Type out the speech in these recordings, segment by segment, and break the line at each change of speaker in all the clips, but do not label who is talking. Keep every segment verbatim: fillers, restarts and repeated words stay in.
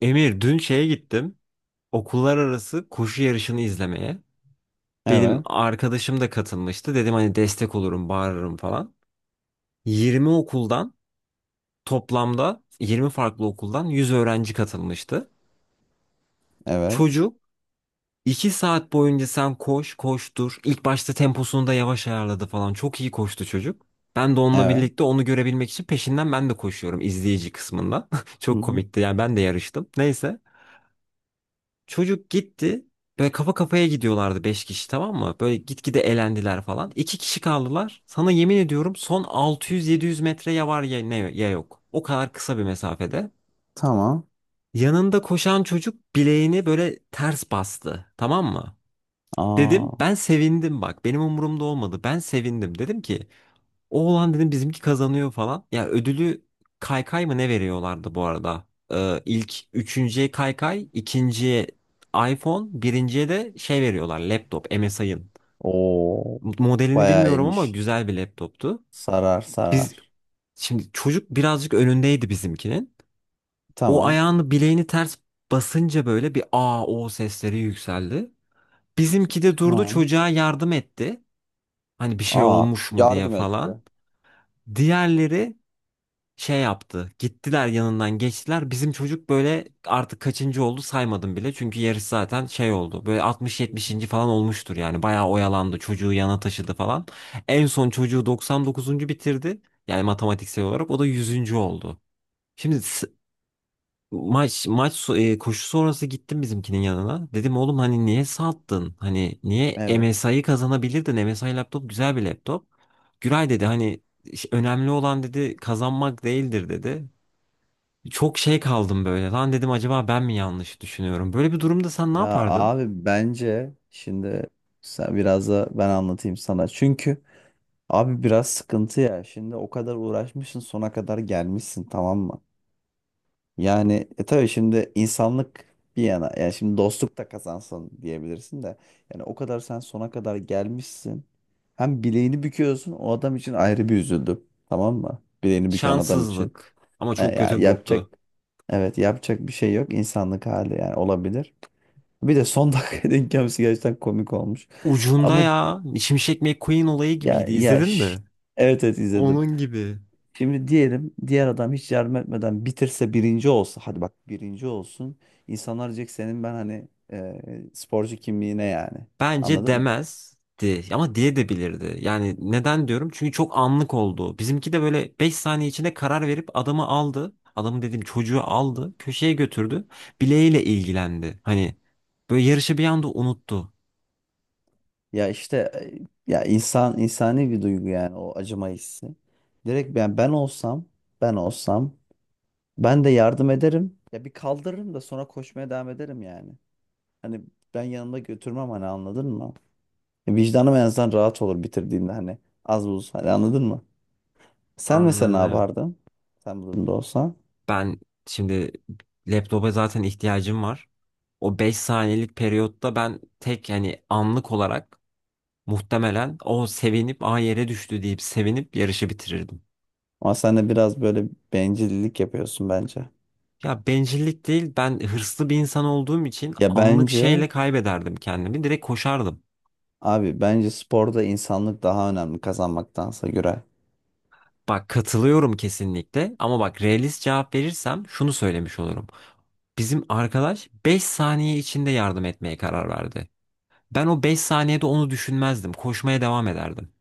Emir dün şeye gittim. Okullar arası koşu yarışını izlemeye. Benim
Evet.
arkadaşım da katılmıştı. Dedim hani destek olurum, bağırırım falan. yirmi okuldan toplamda yirmi farklı okuldan yüz öğrenci katılmıştı.
Evet.
Çocuk iki saat boyunca sen koş, koştur. İlk başta temposunu da yavaş ayarladı falan. Çok iyi koştu çocuk. Ben de onunla
Evet.
birlikte onu görebilmek için peşinden ben de koşuyorum izleyici kısmından.
Hı
Çok
hı.
komikti. Yani ben de yarıştım. Neyse. Çocuk gitti. Böyle kafa kafaya gidiyorlardı beş kişi, tamam mı? Böyle gitgide elendiler falan. İki kişi kaldılar. Sana yemin ediyorum son altı yüz yedi yüz metre ya var ya, ne, ya yok. O kadar kısa bir mesafede.
Tamam.
Yanında koşan çocuk bileğini böyle ters bastı. Tamam mı?
Aa.
Dedim ben sevindim bak. Benim umurumda olmadı. Ben sevindim. Dedim ki o olan dedim bizimki kazanıyor falan. Ya ödülü kaykay mı ne veriyorlardı bu arada? Ee, ilk üçüncüye kaykay, ikinciye iPhone, birinciye de şey veriyorlar laptop M S I'ın.
Oo.
Modelini
Bayağı
bilmiyorum ama
iyiymiş.
güzel bir laptoptu.
Sarar
Biz
sarar.
Şimdi çocuk birazcık önündeydi bizimkinin. O
Tamam.
ayağını bileğini ters basınca böyle bir aa o sesleri yükseldi. Bizimki de durdu
Tamam.
çocuğa yardım etti. Hani bir şey
Aa.
olmuş mu diye
Yardım
falan.
etti.
Diğerleri şey yaptı. Gittiler yanından geçtiler. Bizim çocuk böyle artık kaçıncı oldu saymadım bile. Çünkü yarış zaten şey oldu. Böyle
Hı hı.
altmış yetmişinci falan olmuştur yani. Bayağı oyalandı. Çocuğu yana taşıdı falan. En son çocuğu doksan dokuzuncu bitirdi. Yani matematiksel olarak o da yüzüncü oldu. Şimdi s- maç maç so- e, koşu sonrası gittim bizimkinin yanına. Dedim oğlum hani niye sattın? Hani niye
Evet.
M S I'yi kazanabilirdin? M S I laptop güzel bir laptop. Güray dedi hani, "İş- önemli olan" dedi, "kazanmak değildir" dedi. Çok şey kaldım böyle. Lan dedim acaba ben mi yanlış düşünüyorum? Böyle bir durumda sen ne
Ya
yapardın?
abi, bence şimdi sen biraz da ben anlatayım sana. Çünkü abi biraz sıkıntı ya. Şimdi o kadar uğraşmışsın, sona kadar gelmişsin, tamam mı? Yani e tabii şimdi insanlık bir yana, yani şimdi dostluk da kazansın diyebilirsin de yani o kadar sen sona kadar gelmişsin. Hem bileğini büküyorsun, o adam için ayrı bir üzüldüm. Tamam mı? Bileğini büken adam için.
Şanssızlık. Ama
E,
çok
ya
kötü burktu.
yapacak, evet, yapacak bir şey yok, insanlık hali, yani olabilir. Bir de son dakika denk gelmesi gerçekten komik olmuş.
Ucunda
Ama
ya. Şimşek McQueen olayı
ya
gibiydi.
ya
İzledin mi?
şş, evet, evet, izledim.
Onun gibi.
Şimdi diyelim, diğer adam hiç yardım etmeden bitirse birinci olsa, hadi bak, birinci olsun, insanlar diyecek senin, ben hani e, sporcu kimliğine yani,
Bence
anladın mı?
demezdi. Ama diye de bilirdi. Yani neden diyorum? Çünkü çok anlık oldu. Bizimki de böyle beş saniye içinde karar verip adamı aldı. Adamı dediğim çocuğu aldı. Köşeye götürdü. Bileğiyle ilgilendi. Hani böyle yarışı bir anda unuttu.
Ya işte e, ya insan insani bir duygu, yani o acıma hissi. Direkt ben ben olsam, ben olsam ben de yardım ederim ya, bir kaldırırım da sonra koşmaya devam ederim yani. Hani ben yanımda götürmem hani, anladın mı? Vicdanım en azından rahat olur bitirdiğimde hani, az buz hani, anladın mı? Sen mesela ne
Anladım.
yapardın? Sen bu durumda olsan.
Ben şimdi laptopa zaten ihtiyacım var. O beş saniyelik periyotta ben tek yani anlık olarak muhtemelen o sevinip a yere düştü deyip sevinip yarışı bitirirdim.
Ama sen de biraz böyle bencillik yapıyorsun bence.
Ya bencillik değil, ben hırslı bir insan olduğum için
Ya
anlık
bence
şeyle kaybederdim kendimi, direkt koşardım.
abi, bence sporda insanlık daha önemli kazanmaktansa göre.
Bak katılıyorum kesinlikle, ama bak realist cevap verirsem şunu söylemiş olurum. Bizim arkadaş beş saniye içinde yardım etmeye karar verdi. Ben o beş saniyede onu düşünmezdim, koşmaya devam ederdim.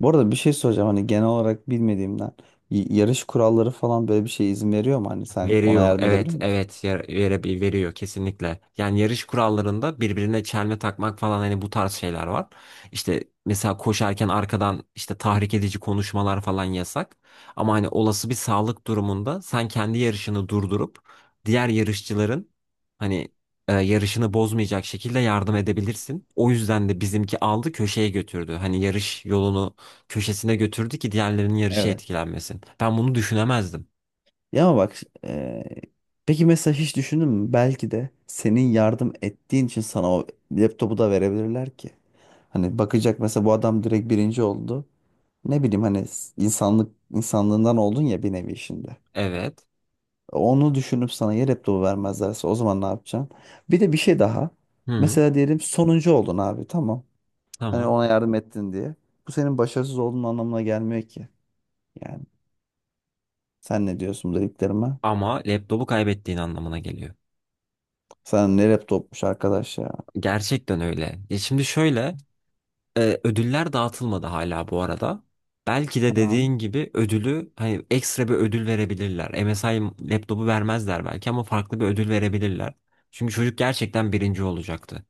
Bu arada bir şey soracağım, hani genel olarak bilmediğimden. Y- yarış kuralları falan böyle bir şey izin veriyor mu? Hani sen ona
Veriyor.
yardım edebilir
Evet,
misin?
evet. Yar- Vere, veriyor kesinlikle. Yani yarış kurallarında birbirine çelme takmak falan hani bu tarz şeyler var. İşte mesela koşarken arkadan işte tahrik edici konuşmalar falan yasak. Ama hani olası bir sağlık durumunda sen kendi yarışını durdurup diğer yarışçıların hani e, yarışını bozmayacak şekilde yardım edebilirsin. O yüzden de bizimki aldı köşeye götürdü. Hani yarış yolunu köşesine götürdü ki diğerlerinin yarışı
Evet.
etkilenmesin. Ben bunu düşünemezdim.
Ya ama bak, e, peki mesela hiç düşündün mü? Belki de senin yardım ettiğin için sana o laptopu da verebilirler ki. Hani bakacak, mesela bu adam direkt birinci oldu. Ne bileyim hani, s- insanlık, insanlığından oldun ya bir nevi şimdi.
Evet.
Onu düşünüp sana yer laptopu vermezlerse, o zaman ne yapacaksın? Bir de bir şey daha.
Hı hı.
Mesela diyelim sonuncu oldun abi, tamam. Hani
Tamam.
ona yardım ettin diye. Bu senin başarısız olduğun anlamına gelmiyor ki. Yani sen ne diyorsun bu dediklerime?
Ama laptopu kaybettiğin anlamına geliyor.
Sen ne rap topmuş arkadaş ya.
Gerçekten öyle. Ya şimdi şöyle, e, ödüller dağıtılmadı hala bu arada. Belki de
Ha.
dediğin gibi ödülü hani ekstra bir ödül verebilirler. M S M S I laptopu vermezler belki ama farklı bir ödül verebilirler. Çünkü çocuk gerçekten birinci olacaktı.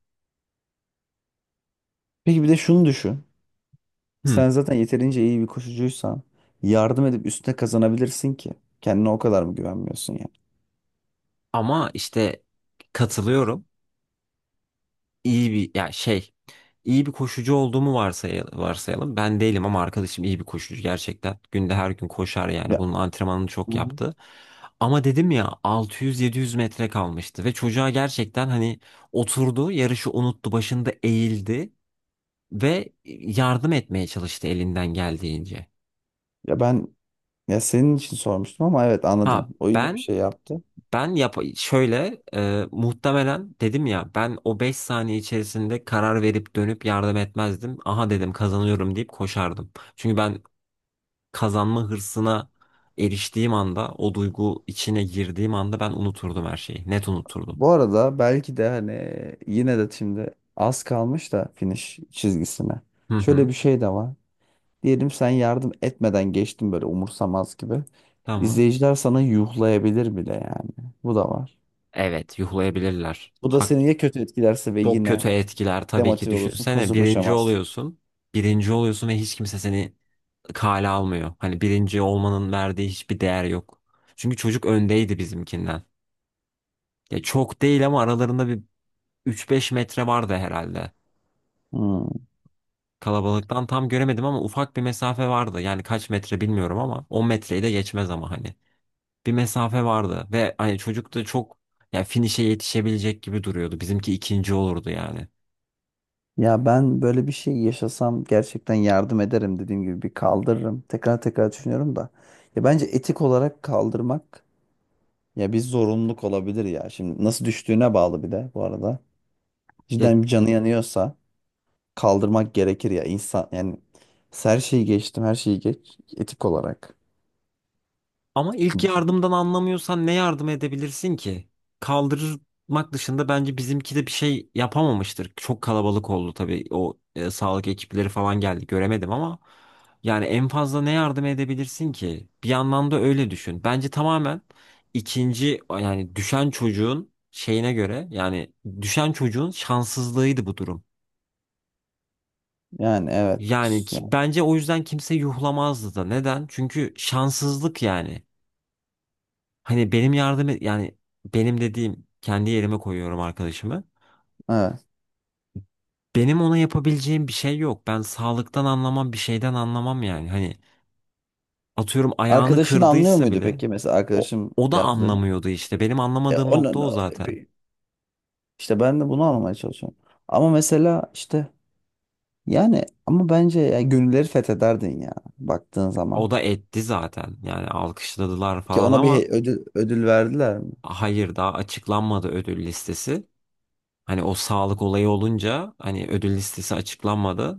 Peki bir de şunu düşün.
Hmm.
Sen zaten yeterince iyi bir koşucuysan, yardım edip üstüne kazanabilirsin ki. Kendine o kadar mı güvenmiyorsun yani?
Ama işte katılıyorum. iyi bir ya şey iyi bir koşucu olduğumu varsayalım, varsayalım. Ben değilim ama arkadaşım iyi bir koşucu gerçekten. Günde her gün koşar yani.
Ya,
Bunun antrenmanını
hı
çok
hı.
yaptı. Ama dedim ya, altı yüz yedi yüz metre kalmıştı ve çocuğa gerçekten hani oturdu, yarışı unuttu, başında eğildi ve yardım etmeye çalıştı elinden geldiğince.
ya ben Ya senin için sormuştum ama evet,
Ha
anladım. O iyi bir
ben
şey yaptı.
Ben yap şöyle e, Muhtemelen dedim ya, ben o beş saniye içerisinde karar verip dönüp yardım etmezdim. Aha dedim kazanıyorum deyip koşardım. Çünkü ben kazanma hırsına eriştiğim anda, o duygu içine girdiğim anda, ben unuturdum her şeyi. Net unuturdum.
Bu arada belki de hani, yine de şimdi az kalmış da finish çizgisine.
Hı
Şöyle
hı,
bir şey de var. Diyelim sen yardım etmeden geçtin böyle umursamaz gibi.
tamam.
İzleyiciler sana yuhlayabilir bile yani. Bu da var.
Evet, yuhlayabilirler.
Bu da
Hak,
seni ya kötü etkilerse ve
çok kötü
yine
etkiler tabii ki,
demotive olursun,
düşünsene
hızlı
birinci
koşamazsın.
oluyorsun. Birinci oluyorsun ve hiç kimse seni kale almıyor. Hani birinci olmanın verdiği hiçbir değer yok. Çünkü çocuk öndeydi bizimkinden. Ya çok değil ama aralarında bir üç beş metre vardı herhalde.
Hmm.
Kalabalıktan tam göremedim ama ufak bir mesafe vardı. Yani kaç metre bilmiyorum ama on metreyi de geçmez ama hani. Bir mesafe vardı ve hani çocuk da çok ya finişe yetişebilecek gibi duruyordu. Bizimki ikinci olurdu yani.
Ya ben böyle bir şey yaşasam gerçekten yardım ederim, dediğim gibi bir kaldırırım. Tekrar tekrar düşünüyorum da. Ya bence etik olarak kaldırmak ya bir zorunluluk olabilir ya. Şimdi nasıl düştüğüne bağlı bir de bu arada.
Ya
Cidden bir canı yanıyorsa kaldırmak gerekir ya insan, yani her şeyi geçtim, her şeyi geç, etik olarak.
ama ilk
Bu şey.
yardımdan anlamıyorsan ne yardım edebilirsin ki? Kaldırmak dışında bence bizimki de bir şey yapamamıştır. Çok kalabalık oldu tabii. O e, sağlık ekipleri falan geldi. Göremedim ama yani en fazla ne yardım edebilirsin ki? Bir yandan da öyle düşün. Bence tamamen ikinci yani düşen çocuğun şeyine göre yani düşen çocuğun şanssızlığıydı bu durum.
Yani evet.
Yani
Yani,
ki- bence o yüzden kimse yuhlamazdı da. Neden? Çünkü şanssızlık yani. Hani benim yardım e, yani benim dediğim kendi yerime koyuyorum arkadaşımı.
evet.
Benim ona yapabileceğim bir şey yok. Ben sağlıktan anlamam, bir şeyden anlamam yani. Hani atıyorum ayağını
Arkadaşın anlıyor
kırdıysa
muydu
bile
peki, mesela
o,
arkadaşım
o da
şey yaptı dedi.
anlamıyordu işte. Benim
E,
anlamadığım
ona
nokta o zaten.
işte ben de bunu anlamaya çalışıyorum. Ama mesela işte, yani ama bence ya, gönülleri fethederdin ya, baktığın zaman.
O da etti zaten. Yani alkışladılar
Ki
falan
ona bir
ama
he- ödül, ödül verdiler mi?
hayır, daha açıklanmadı ödül listesi. Hani o sağlık olayı olunca hani ödül listesi açıklanmadı.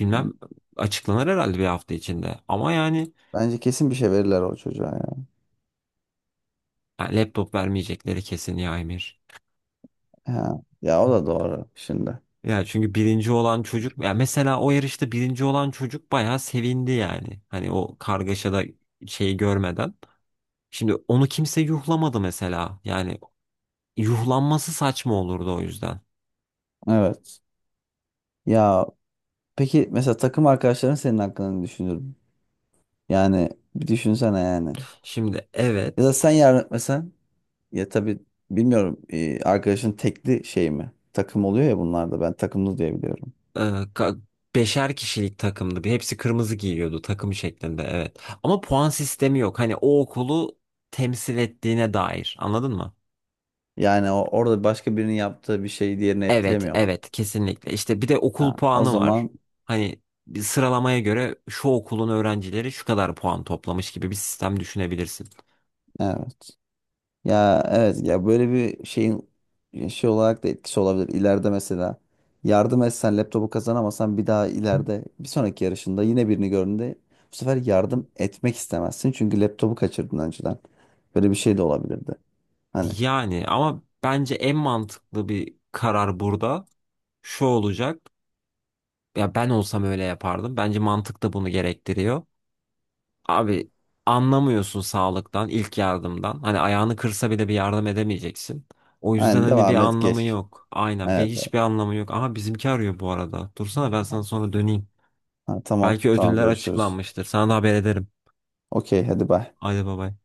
Bilmem,
Hı.
açıklanır herhalde bir hafta içinde. Ama yani,
Bence kesin bir şey verirler o çocuğa ya.
ya laptop vermeyecekleri kesin ya Emir.
Ha, ya o da doğru şimdi.
Ya çünkü birinci olan çocuk, ya mesela o yarışta birinci olan çocuk bayağı sevindi yani. Hani o kargaşada şeyi görmeden. Şimdi onu kimse yuhlamadı mesela. Yani yuhlanması saçma olurdu o yüzden.
Evet. Ya peki, mesela takım arkadaşların senin hakkında ne düşünür? Yani bir düşünsene yani.
Şimdi
Ya da
evet,
sen yarın etmesen, ya tabii bilmiyorum, e, arkadaşın tekli şey mi? Takım oluyor ya bunlarda, ben takımlı diye biliyorum.
e, ka- beşer kişilik takımdı. Bir Hepsi kırmızı giyiyordu, takım şeklinde, evet. Ama puan sistemi yok. Hani o okulu temsil ettiğine dair, anladın mı?
Yani o, orada başka birinin yaptığı bir şey diğerini
Evet,
etkilemiyor mu?
evet kesinlikle. İşte bir de
Ha,
okul
o
puanı var.
zaman.
Hani bir sıralamaya göre şu okulun öğrencileri şu kadar puan toplamış gibi bir sistem düşünebilirsin.
Evet. Ya evet, ya böyle bir şeyin şey olarak da etkisi olabilir. İleride mesela yardım etsen, laptopu kazanamasan, bir daha ileride bir sonraki yarışında yine birini gördüğünde bu sefer yardım etmek istemezsin. Çünkü laptopu kaçırdın önceden. Böyle bir şey de olabilirdi. Hani
Yani ama bence en mantıklı bir karar burada şu olacak. Ya ben olsam öyle yapardım. Bence mantık da bunu gerektiriyor. Abi anlamıyorsun sağlıktan, ilk yardımdan. Hani ayağını kırsa bile bir yardım edemeyeceksin. O yüzden
aynen,
hani bir
devam et,
anlamı
geç.
yok. Aynen, bir
Evet, evet.
hiçbir anlamı yok. Aha bizimki arıyor bu arada. Dursana, ben sana sonra döneyim.
Ha, tamam,
Belki
tamam,
ödüller
görüşürüz.
açıklanmıştır. Sana da haber ederim.
Okey, hadi bay.
Haydi bay bay.